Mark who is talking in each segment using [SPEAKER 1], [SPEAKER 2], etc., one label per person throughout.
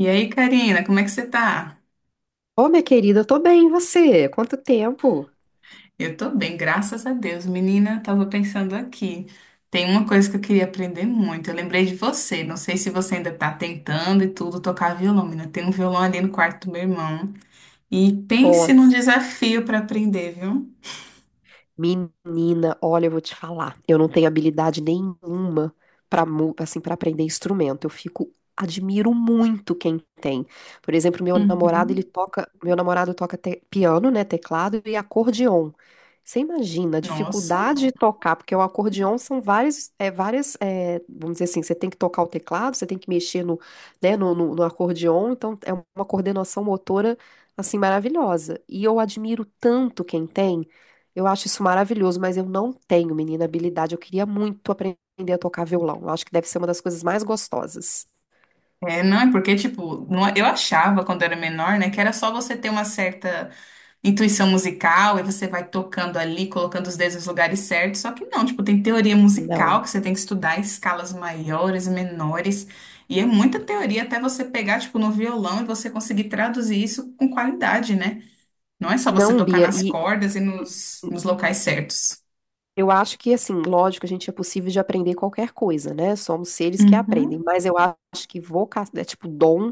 [SPEAKER 1] E aí, Karina, como é que você tá?
[SPEAKER 2] Ô, minha querida, eu tô bem, e você? Quanto tempo?
[SPEAKER 1] Eu tô bem, graças a Deus. Menina, tava pensando aqui. Tem uma coisa que eu queria aprender muito. Eu lembrei de você. Não sei se você ainda tá tentando e tudo tocar violão, menina. Tem um violão ali no quarto do meu irmão. E pense num
[SPEAKER 2] Nossa,
[SPEAKER 1] desafio pra aprender, viu?
[SPEAKER 2] menina, olha, eu vou te falar. Eu não tenho habilidade nenhuma para assim para aprender instrumento. Eu fico admiro muito quem tem. Por exemplo, meu namorado, ele
[SPEAKER 1] Uhum.
[SPEAKER 2] toca, meu namorado toca piano, né, teclado e acordeon. Você imagina a
[SPEAKER 1] Nossa.
[SPEAKER 2] dificuldade de tocar, porque o acordeon são várias, várias, vamos dizer assim, você tem que tocar o teclado, você tem que mexer né, no acordeon, então é uma coordenação motora assim maravilhosa. E eu admiro tanto quem tem. Eu acho isso maravilhoso, mas eu não tenho, menina, habilidade. Eu queria muito aprender a tocar violão. Eu acho que deve ser uma das coisas mais gostosas.
[SPEAKER 1] É, não, é porque, tipo, eu achava quando era menor, né, que era só você ter uma certa intuição musical, e você vai tocando ali, colocando os dedos nos lugares certos. Só que não, tipo, tem teoria musical
[SPEAKER 2] Não.
[SPEAKER 1] que você tem que estudar escalas maiores, menores, e é muita teoria até você pegar, tipo, no violão e você conseguir traduzir isso com qualidade, né? Não é só você
[SPEAKER 2] Não,
[SPEAKER 1] tocar
[SPEAKER 2] Bia, é
[SPEAKER 1] nas
[SPEAKER 2] e
[SPEAKER 1] cordas e nos locais certos.
[SPEAKER 2] Eu acho que, assim, lógico, a gente é possível de aprender qualquer coisa, né? Somos seres que aprendem,
[SPEAKER 1] Uhum.
[SPEAKER 2] mas eu acho que vocação, é tipo dom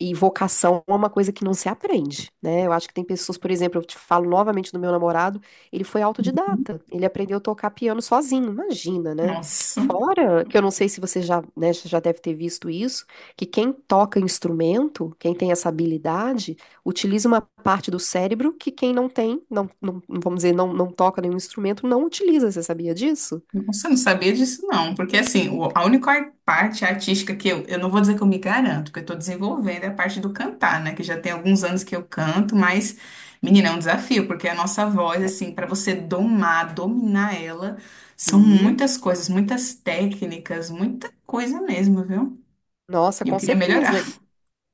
[SPEAKER 2] e vocação é uma coisa que não se aprende, né? Eu acho que tem pessoas, por exemplo, eu te falo novamente do meu namorado, ele foi autodidata, ele aprendeu a tocar piano sozinho, imagina, né?
[SPEAKER 1] Nossa.
[SPEAKER 2] Fora que eu não sei se você já, né, já deve ter visto isso, que quem toca instrumento, quem tem essa habilidade utiliza uma parte do cérebro que quem não tem, vamos dizer, não toca nenhum instrumento, não utiliza. Você sabia disso?
[SPEAKER 1] Nossa, eu não sabia disso não, porque assim, a única parte artística que eu não vou dizer que eu me garanto, porque eu tô desenvolvendo é a parte do cantar, né, que já tem alguns anos que eu canto, mas, menina, é um desafio, porque a nossa voz,
[SPEAKER 2] É.
[SPEAKER 1] assim, para você domar, dominar ela, são
[SPEAKER 2] Sim.
[SPEAKER 1] muitas coisas, muitas técnicas, muita coisa mesmo, viu?
[SPEAKER 2] Nossa,
[SPEAKER 1] E eu
[SPEAKER 2] com
[SPEAKER 1] queria
[SPEAKER 2] certeza.
[SPEAKER 1] melhorar.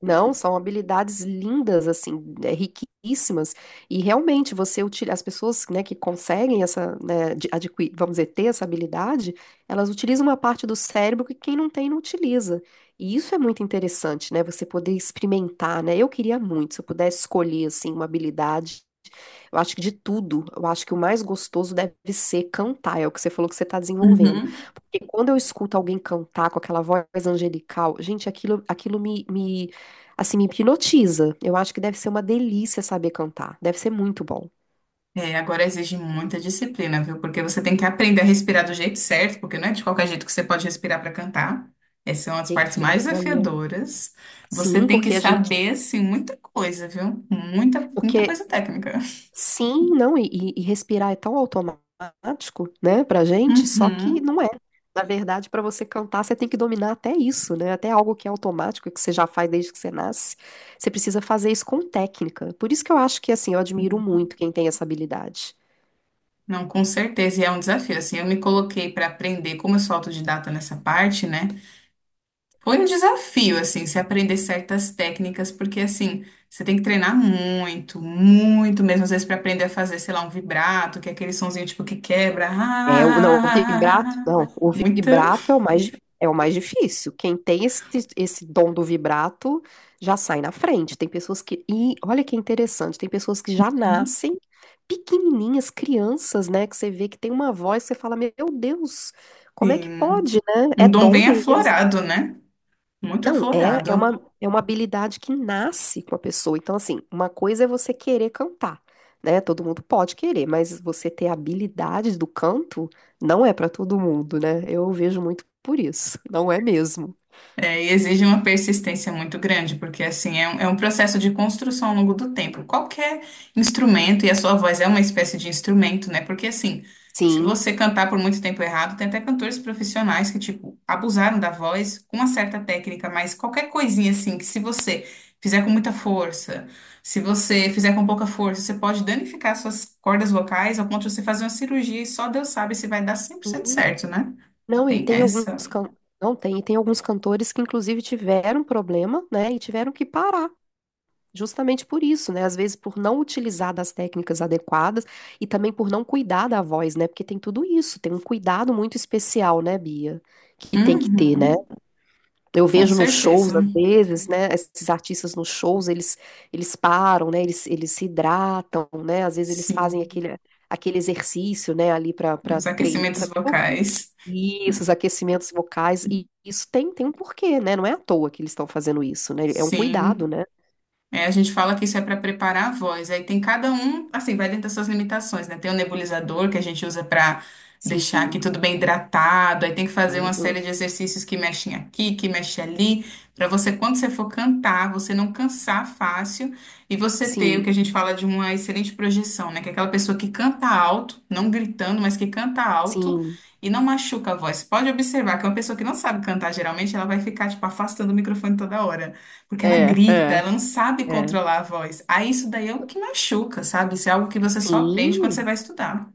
[SPEAKER 2] Não, são habilidades lindas, assim, é, riquíssimas. E realmente você utiliza, as pessoas, né, que conseguem essa, né, vamos dizer, ter essa habilidade, elas utilizam uma parte do cérebro que quem não tem não utiliza. E isso é muito interessante, né? Você poder experimentar, né? Eu queria muito, se eu pudesse escolher, assim, uma habilidade. Eu acho que de tudo, eu acho que o mais gostoso deve ser cantar, é o que você falou que você está desenvolvendo. Porque quando eu escuto alguém cantar com aquela voz angelical, gente, aquilo, aquilo me, me assim, me hipnotiza. Eu acho que deve ser uma delícia saber cantar. Deve ser muito bom.
[SPEAKER 1] É, agora exige muita disciplina, viu? Porque você tem que aprender a respirar do jeito certo, porque não é de qualquer jeito que você pode respirar para cantar. Essa é uma das partes mais
[SPEAKER 2] Olha,
[SPEAKER 1] desafiadoras. Você
[SPEAKER 2] sim,
[SPEAKER 1] tem que
[SPEAKER 2] porque a gente.
[SPEAKER 1] saber, assim, muita coisa, viu? Muita, muita
[SPEAKER 2] Porque
[SPEAKER 1] coisa técnica.
[SPEAKER 2] sim, não, e respirar é tão automático, né, pra gente, só que
[SPEAKER 1] Uhum.
[SPEAKER 2] não é. Na verdade, para você cantar, você tem que dominar até isso, né? Até algo que é automático, que você já faz desde que você nasce. Você precisa fazer isso com técnica. Por isso que eu acho que, assim, eu admiro muito quem tem essa habilidade.
[SPEAKER 1] Não, com certeza, e é um desafio. Assim, eu me coloquei para aprender, como eu sou autodidata nessa parte, né? Foi um desafio, assim, se aprender certas técnicas, porque, assim, você tem que treinar muito, muito mesmo, às vezes, para aprender a fazer, sei lá, um vibrato, que é aquele sonzinho, tipo, que quebra.
[SPEAKER 2] É, não, o vibrato,
[SPEAKER 1] Ah,
[SPEAKER 2] não, o
[SPEAKER 1] muita,
[SPEAKER 2] vibrato é o mais, é o mais difícil. Quem tem esse dom do vibrato já sai na frente. Tem pessoas que, e olha que interessante, tem pessoas que já nascem pequenininhas, crianças, né, que você vê que tem uma voz, você fala, meu Deus, como é que
[SPEAKER 1] sim,
[SPEAKER 2] pode, né? É
[SPEAKER 1] um dom
[SPEAKER 2] dom
[SPEAKER 1] bem
[SPEAKER 2] mesmo.
[SPEAKER 1] aflorado, né? Muito
[SPEAKER 2] Não, é,
[SPEAKER 1] aflorado.
[SPEAKER 2] é uma habilidade que nasce com a pessoa. Então, assim, uma coisa é você querer cantar, né? Todo mundo pode querer, mas você ter a habilidade do canto não é para todo mundo, né? Eu vejo muito por isso. Não é mesmo.
[SPEAKER 1] É, e exige uma persistência muito grande, porque assim é um processo de construção ao longo do tempo. Qualquer instrumento, e a sua voz é uma espécie de instrumento, né? Porque assim, se
[SPEAKER 2] Sim.
[SPEAKER 1] você cantar por muito tempo errado, tem até cantores profissionais que, tipo, abusaram da voz com uma certa técnica, mas qualquer coisinha assim, que se você fizer com muita força, se você fizer com pouca força, você pode danificar suas cordas vocais ao ponto de você fazer uma cirurgia e só Deus sabe se vai dar 100%
[SPEAKER 2] Sim.
[SPEAKER 1] certo, né?
[SPEAKER 2] Não, e
[SPEAKER 1] Tem
[SPEAKER 2] tem alguns
[SPEAKER 1] essa.
[SPEAKER 2] não tem, e tem alguns cantores que inclusive tiveram problema, né? E tiveram que parar justamente por isso, né? Às vezes por não utilizar das técnicas adequadas e também por não cuidar da voz, né? Porque tem tudo isso, tem um cuidado muito especial, né, Bia? Que tem que ter, né?
[SPEAKER 1] Uhum.
[SPEAKER 2] Eu
[SPEAKER 1] Com
[SPEAKER 2] vejo nos
[SPEAKER 1] certeza,
[SPEAKER 2] shows, às vezes, né? Esses artistas nos shows, eles param, né? Eles se hidratam, né? Às vezes eles fazem
[SPEAKER 1] sim.
[SPEAKER 2] aquele, aquele exercício, né? Ali para
[SPEAKER 1] Os
[SPEAKER 2] treinar,
[SPEAKER 1] aquecimentos
[SPEAKER 2] para
[SPEAKER 1] vocais,
[SPEAKER 2] esses aquecimentos vocais. E isso tem, tem um porquê, né? Não é à toa que eles estão fazendo isso, né? É um
[SPEAKER 1] sim.
[SPEAKER 2] cuidado, né?
[SPEAKER 1] É, a gente fala que isso é para preparar a voz. Aí tem cada um, assim, vai dentro das suas limitações, né? Tem o nebulizador que a gente usa para deixar aqui
[SPEAKER 2] Sim.
[SPEAKER 1] tudo bem hidratado. Aí tem que fazer uma
[SPEAKER 2] Cuidado.
[SPEAKER 1] série de exercícios que mexem aqui, que mexem ali, para você, quando você for cantar, você não cansar fácil e você ter o que a
[SPEAKER 2] Sim,
[SPEAKER 1] gente fala de uma excelente projeção, né? Que é aquela pessoa que canta alto, não gritando, mas que canta alto.
[SPEAKER 2] sim.
[SPEAKER 1] E não machuca a voz. Pode observar que uma pessoa que não sabe cantar, geralmente, ela vai ficar, tipo, afastando o microfone toda hora. Porque ela
[SPEAKER 2] É,
[SPEAKER 1] grita,
[SPEAKER 2] é,
[SPEAKER 1] ela não sabe
[SPEAKER 2] é.
[SPEAKER 1] controlar a voz. Aí isso daí é o que machuca, sabe? Isso é algo que você só aprende quando você
[SPEAKER 2] Sim,
[SPEAKER 1] vai estudar.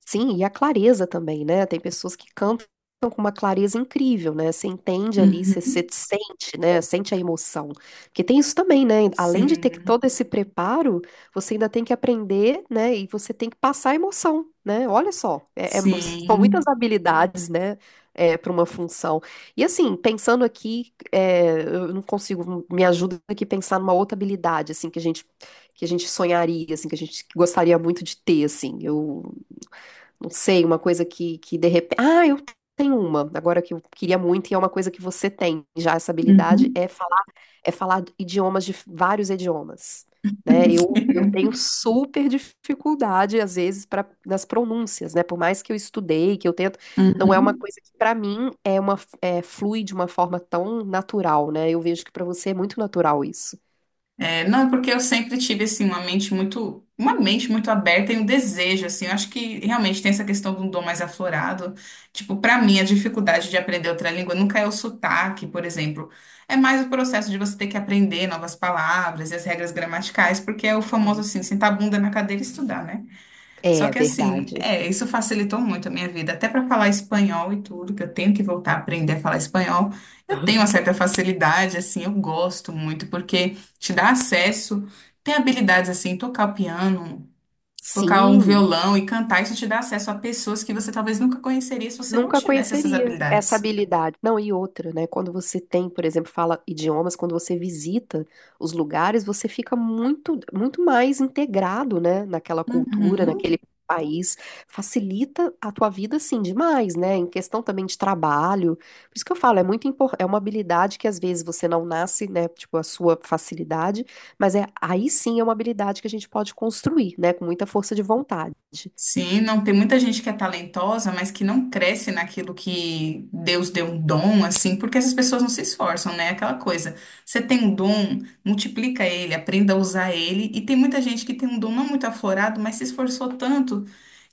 [SPEAKER 2] sim, e a clareza também, né? Tem pessoas que cantam com uma clareza incrível, né? Você entende ali, você, você
[SPEAKER 1] Uhum.
[SPEAKER 2] sente, né? Sente a emoção. Porque tem isso também, né? Além de ter que
[SPEAKER 1] Sim,
[SPEAKER 2] todo esse preparo, você ainda tem que aprender, né? E você tem que passar a emoção, né? Olha só, são
[SPEAKER 1] sim.
[SPEAKER 2] muitas habilidades, né? É, para uma função. E assim, pensando aqui, é, eu não consigo, me ajuda aqui a pensar numa outra habilidade, assim, que a gente sonharia, assim, que a gente gostaria muito de ter, assim. Eu não sei, uma coisa que de repente. Ah, eu tenho uma, agora que eu queria muito, e é uma coisa que você tem já, essa habilidade
[SPEAKER 1] Uhum.
[SPEAKER 2] é falar idiomas de vários idiomas. Né? Eu tenho
[SPEAKER 1] Sim.
[SPEAKER 2] super dificuldade, às vezes, para nas pronúncias, né? Por mais que eu estudei, que eu tento, não é uma
[SPEAKER 1] Uhum.
[SPEAKER 2] coisa que, para mim, é uma, é, flui de uma forma tão natural, né? Eu vejo que para você é muito natural isso.
[SPEAKER 1] É, não, é porque eu sempre tive, assim, uma mente muito aberta e um desejo, assim, eu acho que realmente tem essa questão de um dom mais aflorado, tipo, pra mim, a dificuldade de aprender outra língua nunca é o sotaque, por exemplo, é mais o processo de você ter que aprender novas palavras e as regras gramaticais, porque é o
[SPEAKER 2] Ah,
[SPEAKER 1] famoso,
[SPEAKER 2] isso-
[SPEAKER 1] assim, sentar a bunda na cadeira e estudar, né? Só
[SPEAKER 2] É,
[SPEAKER 1] que assim,
[SPEAKER 2] verdade.
[SPEAKER 1] é, isso facilitou muito a minha vida, até para falar espanhol e tudo, que eu tenho que voltar a aprender a falar espanhol. Eu tenho uma certa facilidade, assim, eu gosto muito, porque te dá acesso, tem habilidades assim, tocar o piano, tocar um
[SPEAKER 2] Sim.
[SPEAKER 1] violão e cantar, isso te dá acesso a pessoas que você talvez nunca conheceria se você não
[SPEAKER 2] Nunca
[SPEAKER 1] tivesse essas
[SPEAKER 2] conheceria essa
[SPEAKER 1] habilidades.
[SPEAKER 2] habilidade. Não, e outra, né? Quando você tem, por exemplo, fala idiomas, quando você visita os lugares, você fica muito, muito mais integrado, né? Naquela cultura,
[SPEAKER 1] Uhum.
[SPEAKER 2] naquele país. Facilita a tua vida, assim, demais, né? Em questão também de trabalho. Por isso que eu falo, é muito importante, é uma habilidade que às vezes você não nasce, né? Tipo, a sua facilidade, mas é aí sim é uma habilidade que a gente pode construir, né? Com muita força de vontade.
[SPEAKER 1] Sim, não tem muita gente que é talentosa, mas que não cresce naquilo que Deus deu um dom, assim, porque essas pessoas não se esforçam, né? Aquela coisa. Você tem um dom, multiplica ele, aprenda a usar ele. E tem muita gente que tem um dom não muito aflorado, mas se esforçou tanto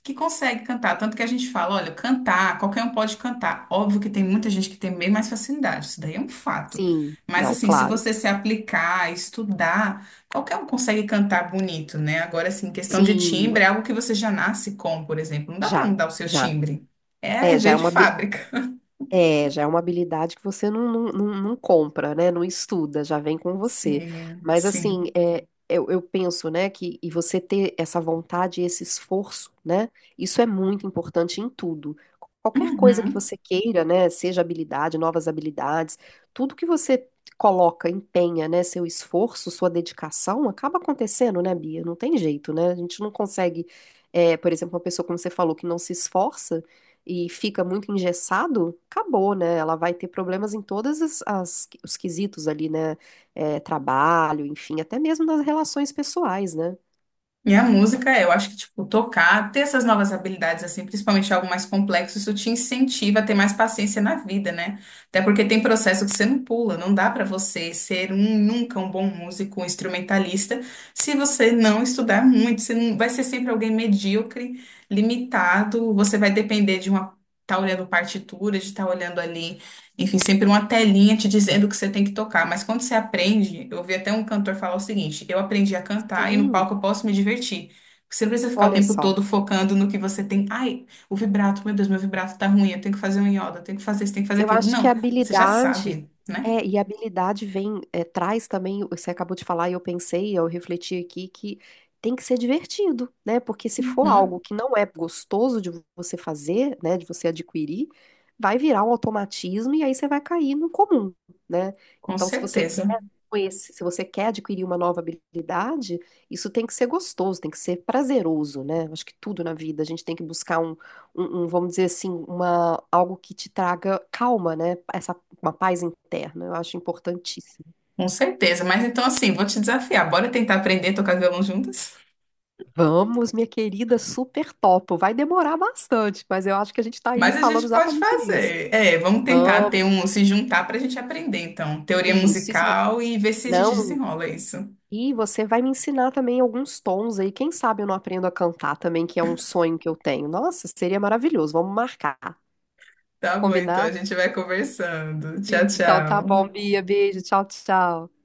[SPEAKER 1] que consegue cantar. Tanto que a gente fala, olha, cantar, qualquer um pode cantar. Óbvio que tem muita gente que tem bem mais facilidade, isso daí é um fato.
[SPEAKER 2] Sim,
[SPEAKER 1] Mas
[SPEAKER 2] não,
[SPEAKER 1] assim, se
[SPEAKER 2] claro.
[SPEAKER 1] você se aplicar, estudar, qualquer um consegue cantar bonito, né? Agora, assim, questão de
[SPEAKER 2] Sim.
[SPEAKER 1] timbre é algo que você já nasce com, por exemplo. Não dá para
[SPEAKER 2] Já,
[SPEAKER 1] mudar o seu
[SPEAKER 2] já.
[SPEAKER 1] timbre. É
[SPEAKER 2] É, já
[SPEAKER 1] ver
[SPEAKER 2] é
[SPEAKER 1] de
[SPEAKER 2] uma,
[SPEAKER 1] fábrica.
[SPEAKER 2] é, já é uma habilidade que você não compra, né? Não estuda, já vem com você.
[SPEAKER 1] Sim,
[SPEAKER 2] Mas assim,
[SPEAKER 1] sim.
[SPEAKER 2] é, eu penso, né, que e você ter essa vontade, e esse esforço, né? Isso é muito importante em tudo. Qualquer coisa que
[SPEAKER 1] Uhum.
[SPEAKER 2] você queira, né? Seja habilidade, novas habilidades, tudo que você coloca, empenha, né? Seu esforço, sua dedicação, acaba acontecendo, né, Bia? Não tem jeito, né? A gente não consegue, é, por exemplo, uma pessoa, como você falou, que não se esforça e fica muito engessado, acabou, né? Ela vai ter problemas em todas os quesitos ali, né? É, trabalho, enfim, até mesmo nas relações pessoais, né?
[SPEAKER 1] E a música, eu acho que, tipo, tocar, ter essas novas habilidades, assim, principalmente algo mais complexo, isso te incentiva a ter mais paciência na vida, né? Até porque tem processo que você não pula, não dá pra você ser um, nunca um bom músico, um instrumentalista, se você não estudar muito, você não, vai ser sempre alguém medíocre, limitado, você vai depender de uma, tá olhando partitura, de estar olhando ali enfim, sempre uma telinha te dizendo o que você tem que tocar. Mas quando você aprende, eu ouvi até um cantor falar o seguinte: eu aprendi a cantar e no
[SPEAKER 2] Sim.
[SPEAKER 1] palco eu posso me divertir. Você não precisa ficar o
[SPEAKER 2] Olha
[SPEAKER 1] tempo
[SPEAKER 2] só.
[SPEAKER 1] todo focando no que você tem. Ai, o vibrato, meu Deus, meu vibrato tá ruim, eu tenho que fazer um iodo, eu tenho que fazer isso, tenho que fazer
[SPEAKER 2] Eu
[SPEAKER 1] aquilo.
[SPEAKER 2] acho que a
[SPEAKER 1] Não, você já
[SPEAKER 2] habilidade
[SPEAKER 1] sabe, né?
[SPEAKER 2] é, e a habilidade vem, é, traz também, você acabou de falar e eu pensei, eu refleti aqui que tem que ser divertido, né? Porque se for algo
[SPEAKER 1] Uhum,
[SPEAKER 2] que não é gostoso de você fazer, né, de você adquirir, vai virar um automatismo e aí você vai cair no comum, né?
[SPEAKER 1] com
[SPEAKER 2] Então, se você
[SPEAKER 1] certeza,
[SPEAKER 2] quer conhecer, se você quer adquirir uma nova habilidade, isso tem que ser gostoso, tem que ser prazeroso, né? Acho que tudo na vida a gente tem que buscar um, vamos dizer assim, uma, algo que te traga calma, né? Essa, uma paz interna, eu acho importantíssimo.
[SPEAKER 1] com certeza. Mas então, assim, vou te desafiar. Bora tentar aprender a tocar violão juntas?
[SPEAKER 2] Vamos, minha querida, super topo. Vai demorar bastante, mas eu acho que a gente está
[SPEAKER 1] Mas
[SPEAKER 2] aí
[SPEAKER 1] a
[SPEAKER 2] falando
[SPEAKER 1] gente pode
[SPEAKER 2] exatamente nisso.
[SPEAKER 1] fazer. É, vamos tentar
[SPEAKER 2] Vamos.
[SPEAKER 1] se juntar para a gente aprender, então, teoria
[SPEAKER 2] Isso, isso.
[SPEAKER 1] musical e ver se a gente
[SPEAKER 2] Não,
[SPEAKER 1] desenrola isso.
[SPEAKER 2] e você vai me ensinar também alguns tons aí. Quem sabe eu não aprendo a cantar também, que é um sonho que eu tenho. Nossa, seria maravilhoso. Vamos marcar.
[SPEAKER 1] Tá bom, então a
[SPEAKER 2] Combinado?
[SPEAKER 1] gente vai conversando. Tchau,
[SPEAKER 2] Então tá bom,
[SPEAKER 1] tchau.
[SPEAKER 2] Bia. Beijo. Tchau, tchau.